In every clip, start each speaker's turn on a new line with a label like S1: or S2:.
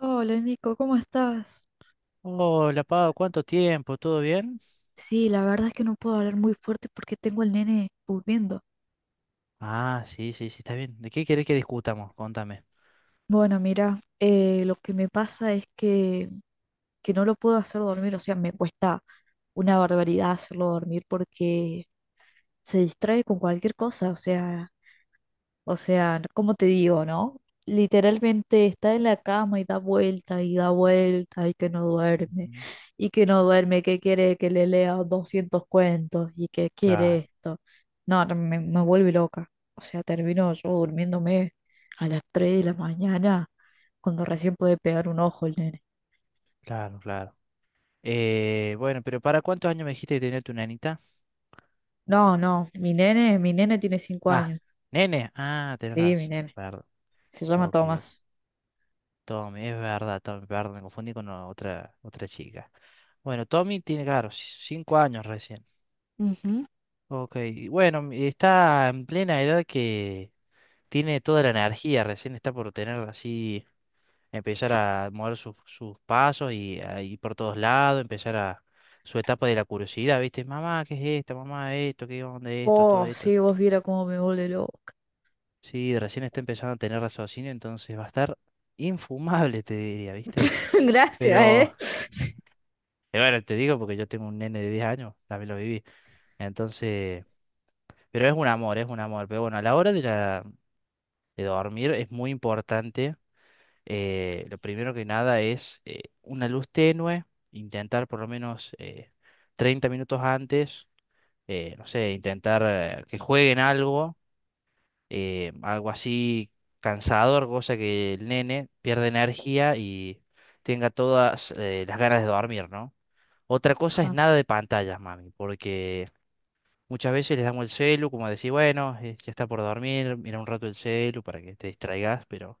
S1: Hola Nico, ¿cómo estás?
S2: Hola, Pau, ¿cuánto tiempo? ¿Todo bien?
S1: Sí, la verdad es que no puedo hablar muy fuerte porque tengo al nene durmiendo.
S2: Ah, sí, sí, sí, está bien. ¿De qué querés que discutamos? Contame.
S1: Bueno, mira, lo que me pasa es que no lo puedo hacer dormir, o sea, me cuesta una barbaridad hacerlo dormir porque se distrae con cualquier cosa, o sea, no, como te digo, ¿no? Literalmente está en la cama y da vuelta y da vuelta y que no duerme
S2: Ujú.
S1: y que no duerme, que quiere que le lea 200 cuentos y que quiere
S2: Claro,
S1: esto. No, no, me vuelve loca. O sea, termino yo durmiéndome a las 3 de la mañana cuando recién puede pegar un ojo el nene.
S2: claro, claro. Bueno, pero ¿para cuántos años me dijiste que tenía tu nenita?
S1: No, no, mi nene tiene 5
S2: Ah,
S1: años.
S2: nene. Ah, tenés
S1: Sí, mi
S2: razón.
S1: nene.
S2: Perdón.
S1: Se llama
S2: Ok, yo.
S1: Tomás.
S2: Tommy, es verdad, Tommy, perdón, me confundí con otra, otra chica. Bueno, Tommy tiene, claro, cinco años recién.
S1: Ujú.
S2: Ok, y bueno, está en plena edad que tiene toda la energía, recién está por tener así, empezar a mover sus pasos y a ir por todos lados, empezar a su etapa de la curiosidad, ¿viste? Mamá, ¿qué es esto? Mamá, esto, ¿qué onda esto? Todo
S1: Oh,
S2: esto.
S1: sí, vos viera cómo me vuelve loca.
S2: Sí, recién está empezando a tener raciocinio, entonces va a estar infumable, te diría, ¿viste?
S1: Gracias,
S2: Pero,
S1: ¿eh?
S2: bueno, te digo porque yo tengo un nene de 10 años, también lo viví. Entonces, pero es un amor, es un amor. Pero bueno, a la hora de dormir es muy importante, lo primero que nada es una luz tenue, intentar por lo menos 30 minutos antes, no sé, intentar que jueguen algo, algo así cansador, cosa que el nene pierda energía y tenga todas las ganas de dormir, ¿no? Otra cosa es
S1: Ajá,
S2: nada de pantallas, mami, porque muchas veces les damos el celu, como decir, bueno, ya está por dormir, mira un rato el celu para que te distraigas, pero...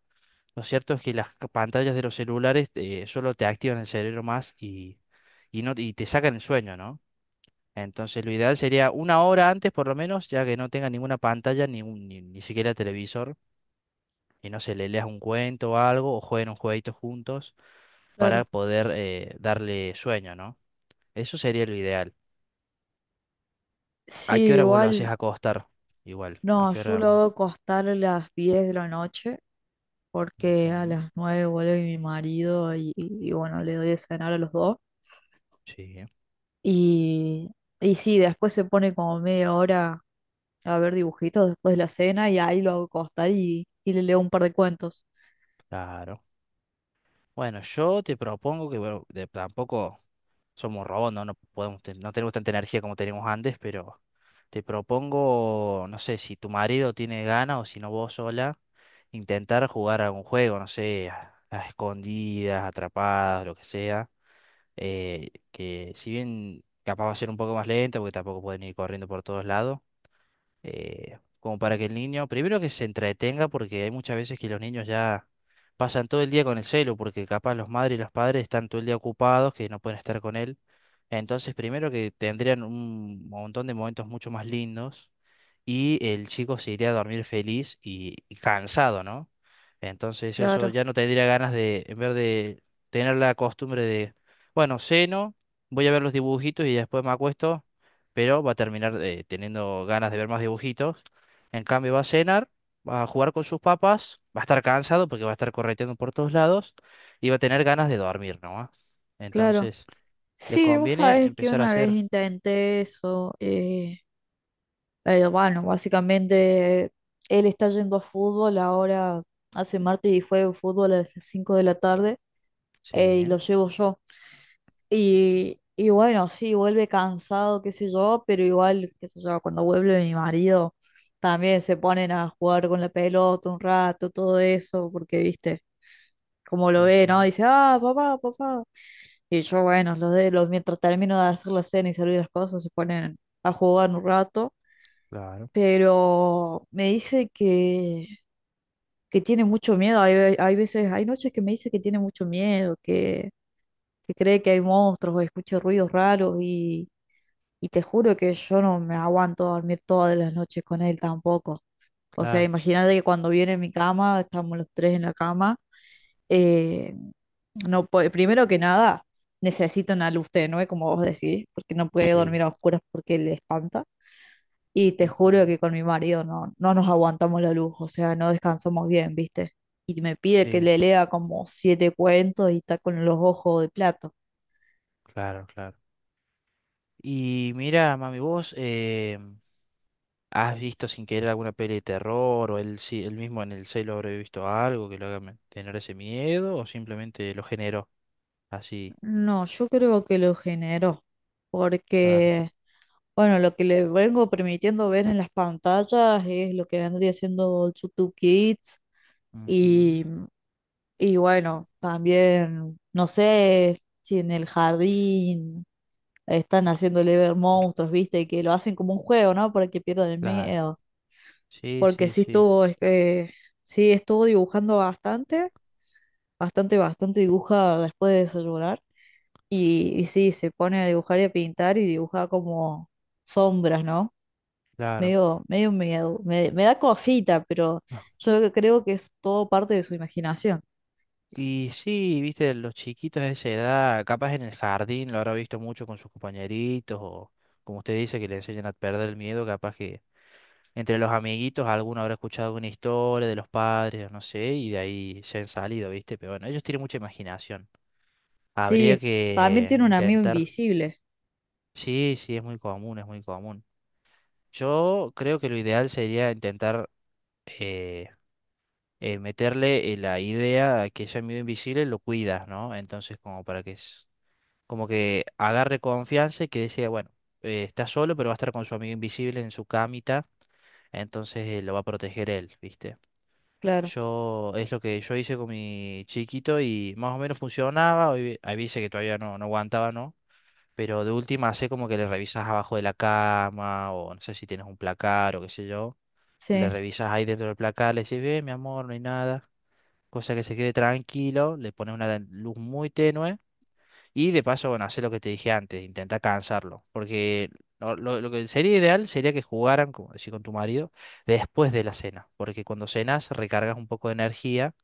S2: Lo cierto es que las pantallas de los celulares solo te activan el cerebro más no, y te sacan el sueño, ¿no? Entonces lo ideal sería una hora antes por lo menos, ya que no tenga ninguna pantalla, ni, ni siquiera televisor, y no sé, le leas un cuento o algo, o jueguen un jueguito juntos
S1: claro.
S2: para poder darle sueño, ¿no? Eso sería lo ideal. ¿A qué
S1: Sí,
S2: hora vos lo haces
S1: igual,
S2: acostar? Igual, ¿a
S1: no,
S2: qué
S1: yo
S2: hora?
S1: lo hago acostar a las 10 de la noche porque a
S2: Ujú,
S1: las 9 vuelve mi marido y bueno, le doy de cenar a los dos.
S2: sí,
S1: Y, y sí, después se pone como media hora a ver dibujitos después de la cena y ahí lo hago acostar y le leo un par de cuentos.
S2: claro. Bueno, yo te propongo que, bueno, de- tampoco... somos robots, ¿no? No podemos, no tenemos tanta energía como teníamos antes, pero te propongo, no sé, si tu marido tiene ganas o si no vos sola, intentar jugar algún juego, no sé, a escondidas, atrapadas, lo que sea, que si bien capaz va a ser un poco más lento, porque tampoco pueden ir corriendo por todos lados, como para que el niño, primero que se entretenga, porque hay muchas veces que los niños ya pasan todo el día con el celu, porque capaz los madres y los padres están todo el día ocupados, que no pueden estar con él. Entonces, primero que tendrían un montón de momentos mucho más lindos y el chico se iría a dormir feliz y cansado, ¿no? Entonces eso
S1: Claro,
S2: ya no tendría ganas de, en vez de tener la costumbre de, bueno, ceno, voy a ver los dibujitos y después me acuesto, pero va a terminar teniendo ganas de ver más dibujitos. En cambio va a cenar, va a jugar con sus papás, va a estar cansado porque va a estar correteando por todos lados y va a tener ganas de dormir, ¿no?
S1: claro.
S2: Entonces le
S1: Sí, vos
S2: conviene
S1: sabés que
S2: empezar a
S1: una vez
S2: hacer...
S1: intenté eso. Bueno, básicamente él está yendo a fútbol ahora, hace martes y juega fútbol a las 5 de la tarde,
S2: Sí,
S1: y
S2: ¿eh?
S1: lo llevo yo. Y bueno, sí, vuelve cansado, qué sé yo, pero igual, qué sé yo, cuando vuelve mi marido, también se ponen a jugar con la pelota un rato, todo eso, porque viste, como lo ve, ¿no?
S2: Ujú.
S1: Dice, ah, papá, papá. Y yo, bueno, mientras termino de hacer la cena y servir las cosas, se ponen a jugar un rato,
S2: Claro,
S1: pero me dice que tiene mucho miedo. Hay veces, hay noches que me dice que tiene mucho miedo, que cree que hay monstruos o escucha ruidos raros, y te juro que yo no me aguanto a dormir todas las noches con él tampoco. O sea,
S2: claro,
S1: imagínate que cuando viene a mi cama, estamos los tres en la cama, eh, primero que nada, necesito una luz tenue, como vos decís, porque no puede
S2: sí.
S1: dormir a oscuras porque le espanta. Y te juro
S2: Ujú.
S1: que con mi marido no, no nos aguantamos la luz, o sea, no descansamos bien, ¿viste? Y me pide que
S2: Sí,
S1: le lea como siete cuentos y está con los ojos de plato.
S2: claro, claro. Y mira, mami, vos has visto sin querer alguna peli de terror o él, él mismo en el celo habré visto algo que lo haga tener ese miedo o simplemente lo generó así,
S1: No, yo creo que lo generó,
S2: claro.
S1: porque, bueno, lo que le vengo permitiendo ver en las pantallas es lo que vendría siendo YouTube Kids,
S2: Ujú.
S1: y, y bueno, también, no sé si en el jardín están haciéndole ver monstruos, ¿viste? Que lo hacen como un juego, ¿no? Para que pierdan el
S2: Claro,
S1: miedo.
S2: sí,
S1: Porque
S2: sí,
S1: sí
S2: sí,
S1: estuvo, es que sí estuvo dibujando bastante, bastante, bastante dibuja después de desayunar. Y sí, se pone a dibujar y a pintar y dibuja como sombras, ¿no?
S2: claro.
S1: Medio, medio miedo. Me da cosita, pero
S2: Ah.
S1: yo creo que es todo parte de su imaginación.
S2: Y sí, viste, los chiquitos de esa edad, capaz en el jardín lo habrá visto mucho con sus compañeritos o como usted dice que le enseñan a perder el miedo, capaz que entre los amiguitos, alguno habrá escuchado una historia de los padres, no sé, y de ahí se han salido, ¿viste? Pero bueno, ellos tienen mucha imaginación. Habría
S1: Sí, también
S2: que
S1: tiene un amigo
S2: intentar.
S1: invisible,
S2: Sí, sí, es muy común, es muy común. Yo creo que lo ideal sería intentar eh, meterle la idea a que ese amigo invisible lo cuidas, ¿no? Entonces, como para que es, como que agarre confianza y que decía, bueno, está solo, pero va a estar con su amigo invisible en su camita, entonces lo va a proteger él, ¿viste?
S1: claro.
S2: Yo, es lo que yo hice con mi chiquito y más o menos funcionaba. Hoy hay veces que todavía no, no aguantaba, ¿no? Pero de última hace como que le revisas abajo de la cama o no sé si tienes un placar o qué sé yo. Le
S1: Sí,
S2: revisas ahí dentro del placar, le decís, ve, mi amor, no hay nada. Cosa que se quede tranquilo, le pones una luz muy tenue y de paso, bueno, hace lo que te dije antes, intenta cansarlo. Porque lo que sería ideal sería que jugaran, como decía con tu marido, después de la cena. Porque cuando cenas recargas un poco de energía,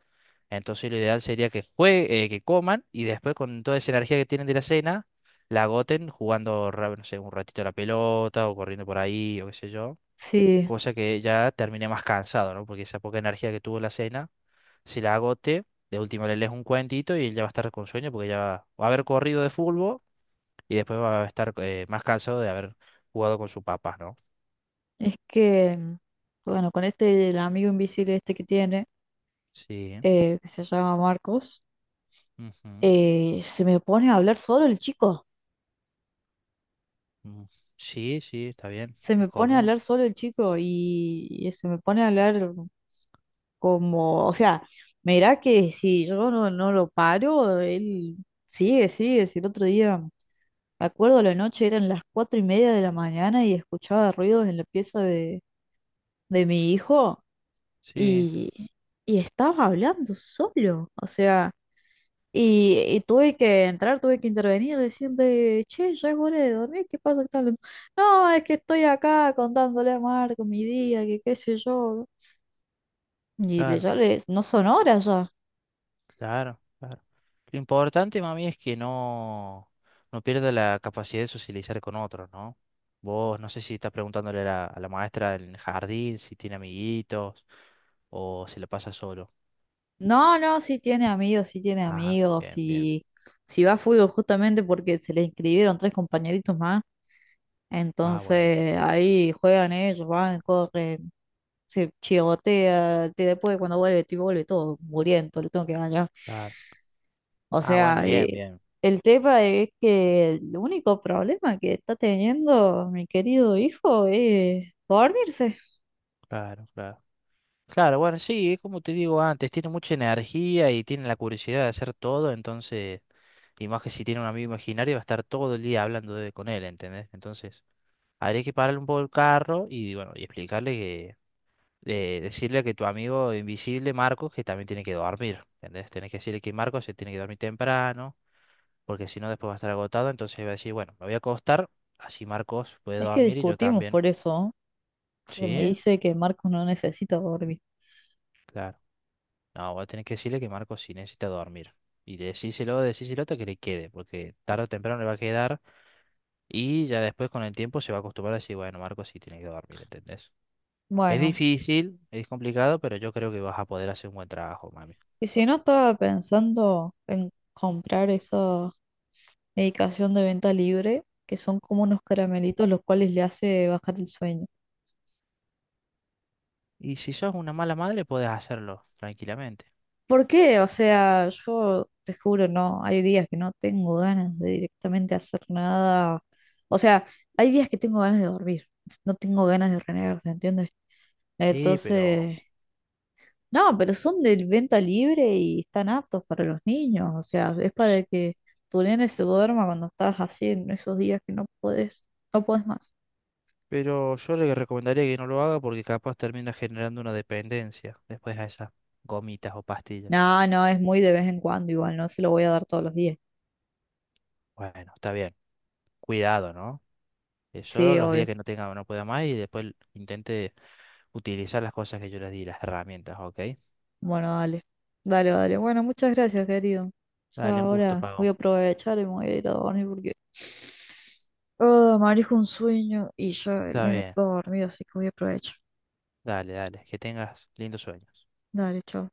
S2: entonces lo ideal sería que que coman y después con toda esa energía que tienen de la cena, la agoten jugando, no sé, un ratito a la pelota o corriendo por ahí o qué sé yo.
S1: sí.
S2: Cosa que ya termine más cansado, ¿no? Porque esa poca energía que tuvo la cena, si la agote, de última le lees un cuentito y él ya va a estar con sueño porque ya va a haber corrido de fútbol y después va a estar más cansado de haber jugado con su papá, ¿no?
S1: Es que, bueno, con este, el amigo invisible este que tiene,
S2: Sí.
S1: que se llama Marcos,
S2: Ujú.
S1: se me pone a hablar solo el chico,
S2: Mm. Sí, sí, está bien.
S1: se
S2: Es
S1: me pone a
S2: común.
S1: hablar solo el chico, y se me pone a hablar como, o sea, mirá que si yo no, no lo paro, él sigue, sigue, si el otro día, me acuerdo la noche, eran las 4:30 de la mañana y escuchaba ruidos en la pieza de mi hijo,
S2: Sí,
S1: y, y estaba hablando solo, o sea... Y tuve que entrar, tuve que intervenir, decir che, ya es hora de dormir, ¿qué pasa? ¿Qué tal? No, es que estoy acá contándole a Marco mi día, que qué sé yo. Y le,
S2: claro,
S1: ya le, no son horas ya.
S2: claro, claro. Lo importante, mami, es que no, no pierda la capacidad de socializar con otros, ¿no? Vos, no sé si estás preguntándole a a la maestra en el jardín si tiene amiguitos o si la pasa solo.
S1: No, no, sí tiene
S2: Ajá,
S1: amigos,
S2: bien, bien.
S1: si va a fútbol justamente porque se le inscribieron tres compañeritos más,
S2: Ah, bueno,
S1: entonces ahí juegan ellos, van, corren, se chigotea, después cuando vuelve, tipo, vuelve todo muriendo, le tengo que ganar.
S2: claro.
S1: O
S2: Ah, bueno,
S1: sea,
S2: bien, bien.
S1: el tema es que el único problema que está teniendo mi querido hijo es dormirse.
S2: Claro, claro. Claro, bueno, sí, es como te digo antes, tiene mucha energía y tiene la curiosidad de hacer todo, entonces, y más que si tiene un amigo imaginario, va a estar todo el día hablando de, con él, ¿entendés? Entonces, habría que pararle un poco el carro y, bueno, y explicarle que decirle que tu amigo invisible, Marcos, que también tiene que dormir, ¿entendés? Tenés que decirle que Marcos se tiene que dormir temprano, porque si no después va a estar agotado, entonces va a decir, bueno, me voy a acostar, así Marcos puede
S1: Es que
S2: dormir y yo
S1: discutimos
S2: también.
S1: por eso, porque me
S2: ¿Sí?
S1: dice que Marcos no necesita dormir.
S2: Claro. No, voy a tener que decirle que Marcos sí necesita dormir. Y decíselo, decíselo hasta que le quede, porque tarde o temprano le va a quedar y ya después con el tiempo se va a acostumbrar a decir, bueno, Marcos sí tiene que dormir, ¿entendés? Es
S1: Bueno,
S2: difícil, es complicado, pero yo creo que vas a poder hacer un buen trabajo, mami.
S1: y si no estaba pensando en comprar esa medicación de venta libre, que son como unos caramelitos los cuales le hace bajar el sueño.
S2: Y si sos una mala madre, podés hacerlo tranquilamente.
S1: ¿Por qué? O sea, yo te juro, no, hay días que no tengo ganas de directamente hacer nada. O sea, hay días que tengo ganas de dormir, no tengo ganas de renegar, ¿se entiende?
S2: Sí,
S1: Entonces,
S2: pero,
S1: no, pero son de venta libre y están aptos para los niños, o sea, es
S2: ch-
S1: para que tu nene se duerma cuando estás así en esos días que no podés, no podés más.
S2: pero yo le recomendaría que no lo haga porque capaz termina generando una dependencia después a esas gomitas o pastillas.
S1: No, no, es muy de vez en cuando igual, no se lo voy a dar todos los días.
S2: Bueno, está bien. Cuidado, ¿no? Solo
S1: Sí,
S2: los días
S1: obvio.
S2: que no tenga, no pueda más y después intente utilizar las cosas que yo les di, las herramientas, ¿ok?
S1: Bueno, dale. Dale, dale. Bueno, muchas gracias, querido.
S2: Dale,
S1: Ya
S2: un gusto,
S1: ahora voy a
S2: Pago.
S1: aprovechar y me voy a ir a dormir porque ah, me manejo un sueño y ya el
S2: Está
S1: nene
S2: bien.
S1: está dormido, así que voy a aprovechar.
S2: Dale, dale. Que tengas lindos sueños.
S1: Dale, chao.